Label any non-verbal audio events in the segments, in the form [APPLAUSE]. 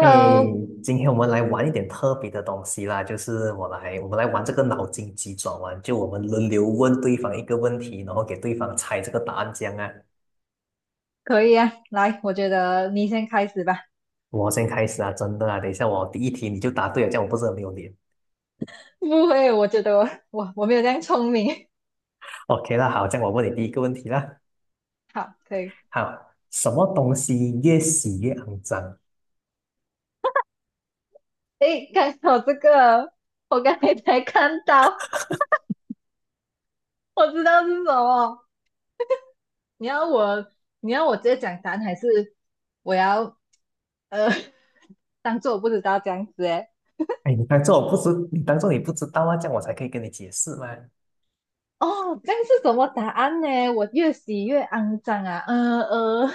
诶，今天我们来玩一点特别的东西啦，就是我们来玩这个脑筋急转弯，就我们轮流问对方一个问题，然后给对方猜这个答案，这样啊。可以啊，来，我觉得你先开始吧。我先开始啊，真的啊，等一下我第一题你就答对了，这样我不是很没有脸。[LAUGHS] 不会，我觉得我没有这样聪明。OK 啦，好，这样我问你第一个问题啦。[LAUGHS] 好，可以。好，什么东西越洗越肮脏？诶，看我这个，我刚才才看到，我知道是什么。你要我，你要我直接讲答案，还是我要呃 [LAUGHS] 当做我不知道这样子？诶，哎，你当做你不知道啊，这样我才可以跟你解释嘛。哦，这样是什么答案呢？我越洗越肮脏啊！呃呃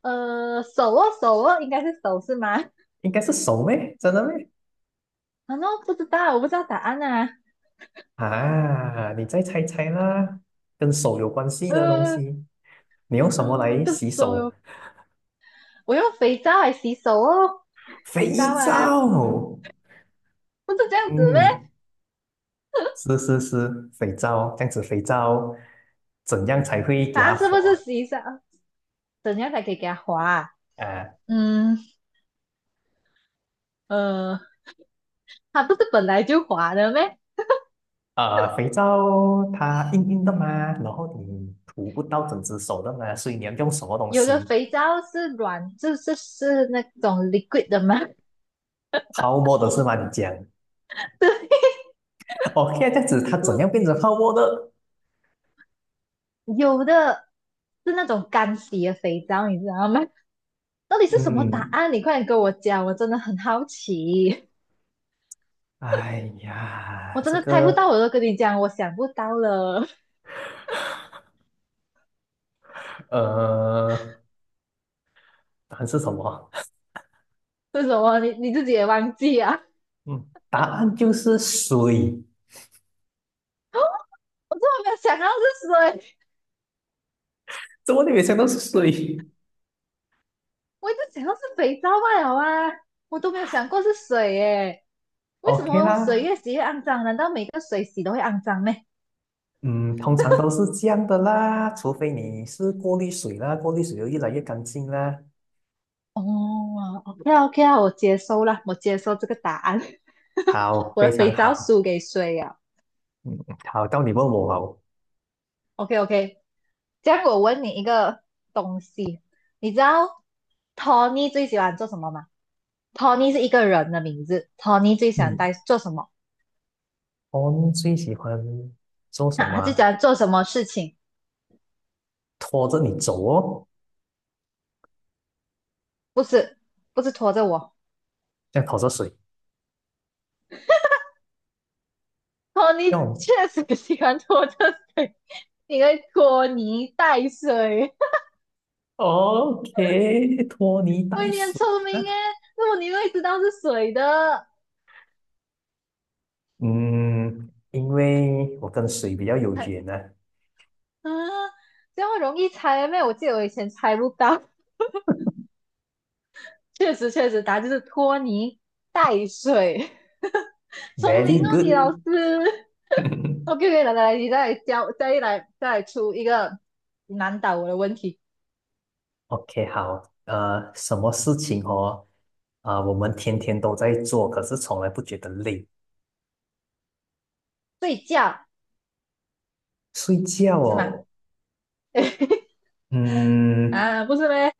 呃，手哦，应该是手是吗？应该是手咩？真的咩？啊，那不知道，我不知道答案啊。啊，你再猜猜啦，跟手有关系的东呃，西。你用什啊，么来洗手手？哟！我用肥皂来洗手哦，肥肥皂啊，皂。不是这样子咩？嗯，是是是，肥皂，这样子肥皂怎样才会给答它案是滑？不是洗手？怎样才可以给它滑啊呃嗯呃，它不是本来就滑的咩？肥皂它硬硬的嘛，然后你涂不到整只手的嘛，所以你要用什么东有的西？肥皂是软，就是那种 liquid 的吗？泡沫的是吗？你讲 [LAUGHS] 对，[LAUGHS]，OK,这样子它怎样变成泡沫的？有的是那种干洗的肥皂，你知道吗？到底是什么答嗯，案？你快点跟我讲，我真的很好奇，哎我呀，真这的猜不到，个我都跟你讲，我想不到了。呃，答案是什么？[LAUGHS] 是什么？你自己也忘记啊？[LAUGHS] 嗯，答案就是水。我真的没有想到是水，怎么你没想到是水我一直想到是肥皂罢了啊，我都没有想过是水耶。为什？OK 么水啦，越洗越肮脏？难道每个水洗都会肮脏呢？嗯，通常都是这样的啦，除非你是过滤水啦，过滤水就越来越干净啦。哦，OK 啊 OK 啊，我接受了，我接受这个答案。[LAUGHS] 好，我非的常肥皂好，输给水啊。嗯，好，到你问我哦。OK OK，这样我问你一个东西，你知道 Tony 最喜欢做什么吗？Tony 是一个人的名字，Tony 最喜欢嗯，带做什么？我最喜欢做什啊，么他最喜啊欢做什么事情？拖着你走哦，不是，不是拖着我。这样拖着水，托这尼样 确实喜欢拖着水，[LAUGHS] 你会拖泥带水。OK,拖泥 [LAUGHS] 喂，带你很水聪明哎，啊。那么你会知道是水的嗯，因为我跟水比较有缘呢 啊？这么容易猜咩？我记得我以前猜不到。确实，确实，答案就是拖泥带水。[LAUGHS] v e 聪 r y 明哦，good。你老师。[LAUGHS] [LAUGHS] OK，来来来，你再来教，再来出一个难倒我的问题。OK,好，什么事情哦？啊、我们天天都在做，可是从来不觉得累。睡觉睡觉是吗？哦，[LAUGHS] 哎嗯，啊，不是咩？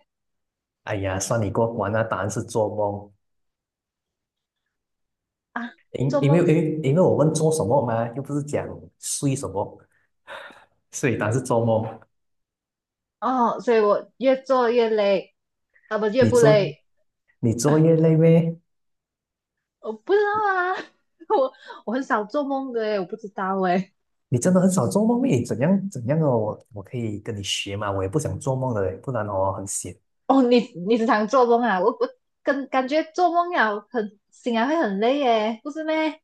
哎呀，算你过关了，答案是做梦。啊，因做因为梦因为因为我问做什么嘛，又不是讲睡什么，睡以答案是做梦。哦，所以我越做越累，啊不，越你不做累，你作业累呗？我不知道啊。[LAUGHS] 我我很少做梦的诶，我不知道诶。你真的很少做梦咩？怎样怎样哦？我可以跟你学嘛，我也不想做梦的，不然哦很闲。哦，你时常做梦啊？我跟感觉做梦了很醒来会很累耶，不是咩？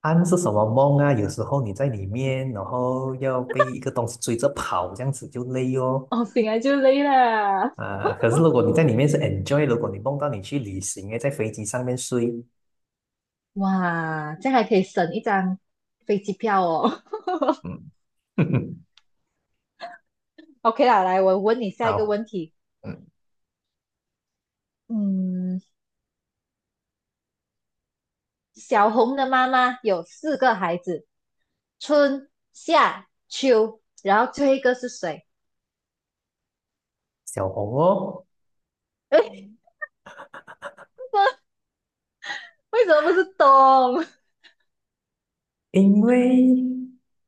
安是什么梦啊？有时候你在里面，然后要被一个东西追着跑，这样子就累哦。哦，醒来就累了，啊，可是如果你在里面是 enjoy,如果你梦到你去旅行，诶，在飞机上面睡，哇，这样还可以省一张飞机票哦。嗯，[LAUGHS] [LAUGHS] OK 啦，来，我问你下一个好，问题。嗯嗯，小红的妈妈有四个孩子，春夏秋，然后最后一个是谁？小红哦，[LAUGHS] [LAUGHS] 为什么不是冬？因为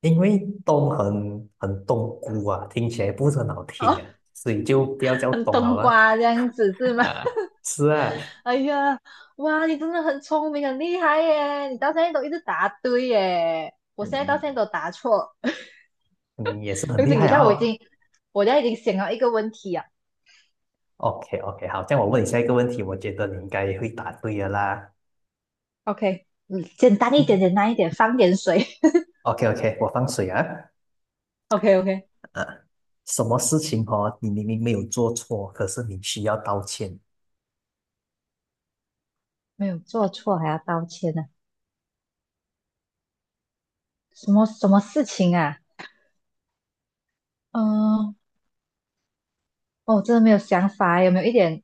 因为东很东姑啊，听起来不是很好听哦，啊，所以就不要叫很东好冬了。瓜这样子是吗？啊，[LAUGHS] 是啊，哎呀，哇，你真的很聪明，很厉害耶！你到现在都一直答对耶，我现在到嗯，现在都答错。[LAUGHS] 嗯你也是很等厉等害一下，啊我已哦。经，我现在已经想到一个问题啊。OK OK,好，这样我问你下一个问题，我觉得你应该会答对的啦。OK，嗯，简单一点，嗯简单一点，放点水。[LAUGHS] ，OK OK,我放水啊。OK OK，啊，什么事情哦，你明明没有做错，可是你需要道歉？没有做错还要道歉呢、啊什么什么事情啊？嗯、哦，我真的没有想法，有没有一点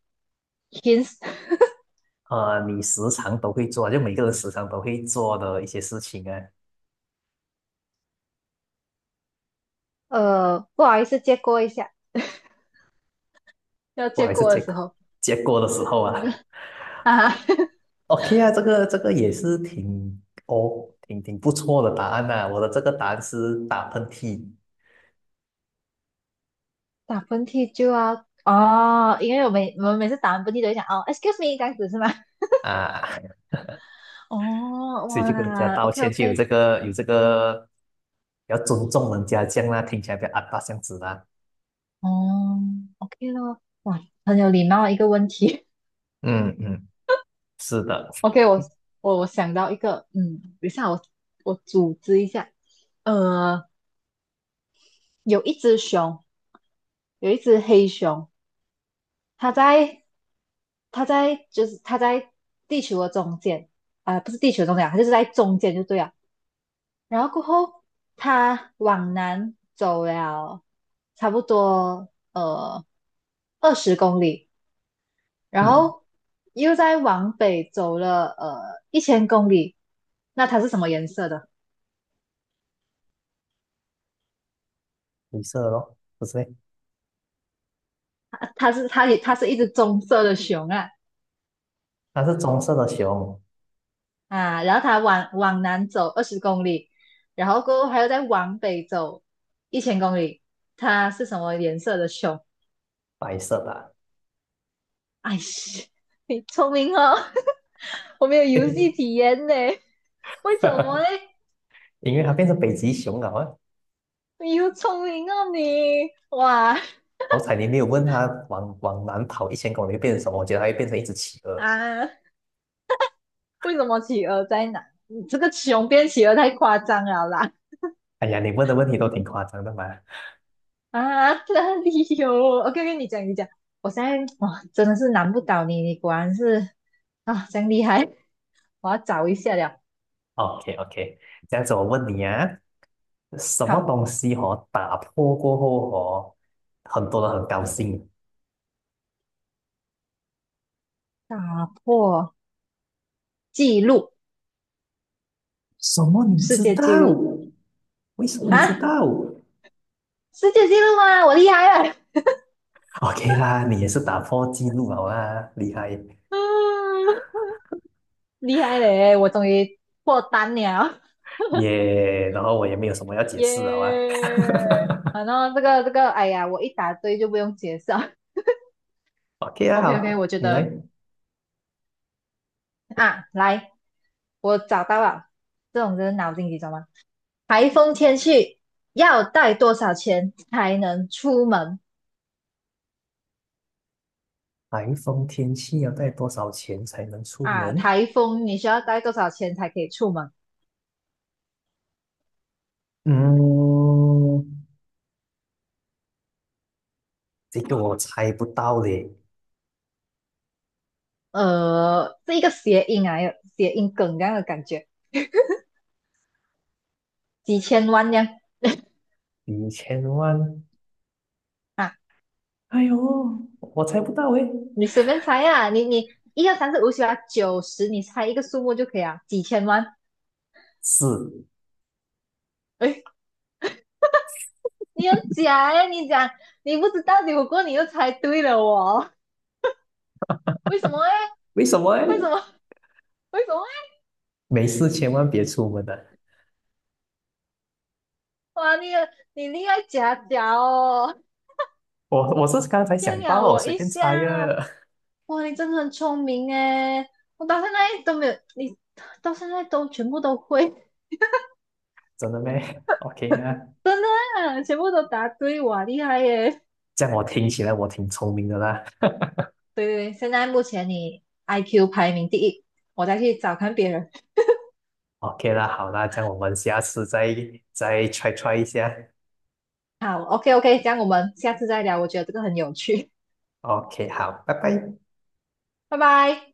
hints？[LAUGHS] 呃，你时常都会做，就每个人时常都会做的一些事情啊，呃，不好意思，借过一下，要我借还是过结的时果候。结果的时候啊。啊，[LAUGHS] OK 啊，这个也是挺哦，挺不错的答案呐、我的这个答案是打喷嚏打喷嚏就要哦，因为我们每次打完喷嚏都会想哦，excuse me 这样子是吗？啊。[LAUGHS] 哦，所以就跟人家哇道，OK 歉，就有 OK，这个有这个要尊重人家这样啦，听起来比较阿巴这样子啦。哦，OK 咯，哇，很有礼貌的一个问题。嗯嗯是的，[LAUGHS] OK，我想到一个，嗯，等一下我组织一下，呃，有一只熊，有一只黑熊，它在它在地球的中间啊、不是地球中间啊，它就是在中间就对了。然后过后他往南走了差不多呃二十公里，然嗯，后又再往北走了呃一千公里。那它是什么颜色的？灰色咯，不是咩它是一只棕色的熊啊它是棕色的熊，啊！然后它往南走二十公里，然后过后还要再往北走一千公里。它是什么颜色的熊？白色的哎是，你聪明哦，[LAUGHS] 我没有游戏体验呢，为什么啊 呢？[LAUGHS] 因为它变成北极熊了啊。你又聪明哦你，哇好彩你没有问它往南跑1000公里会变成什么，我觉得它会变成一只企鹅。啊，为什么企鹅在哪？你这个熊变企鹅太夸张了啦！哎呀，你问的问题都挺夸张的嘛。啊，哪里有我 k o 跟你讲，我现在哇真的是难不倒你，你果然是啊，真厉害！我要找一下了。OK OK,这样子我问你啊，什么好，东西哦打破过后哦，很多人很高兴，打破纪录，什么？你世知界道？纪录为什么你知啊，道世界纪录吗？我厉害了，？OK 啦，你也是打破记录好啊，厉害嗯，厉害嘞！我终于破单了，耶然后我也没有什 [LAUGHS] 么要解耶、释好啊。反正这个，哎呀，我一答对就不用解释了 OK [LAUGHS] 啊，OK OK，好我觉你来。得啊，来，我找到了，这种就是脑筋急转弯。台风天气要带多少钱才能出门台风天气要带多少钱才能出啊？门？台风你需要带多少钱才可以出门？嗯，这个我猜不到嘞，呃，是一个谐音啊，有谐音梗这样的感觉，几千万这样1000万。啊。哎呦，我猜不到诶。你随便猜呀、啊你一二三四五六七八九十，你猜一个数目就可以啊，几千万。是，哎，你很假哎、你讲你不知道，结果过后你又猜对了哦，为什么哎？为什么为什诶？么？为什么哎？没事，千万别出门的。哇，你厉害假假哦，我我是刚才想骗到了了，我我随一便下。猜呀。哇，你真的很聪明哎，我到现在都没有，你到现在都全部都会，[LAUGHS] 真的咩？OK 啊。真的啊，全部都答对，哇，厉害耶！这样我听起来我挺聪明的啦。对对对，现在目前你 IQ 排名第一，我再去找看别人。OK 啦，好啦，这样我们下次再try try 一下。好，OK OK，这样我们下次再聊，我觉得这个很有趣，OK,好，拜拜。拜拜。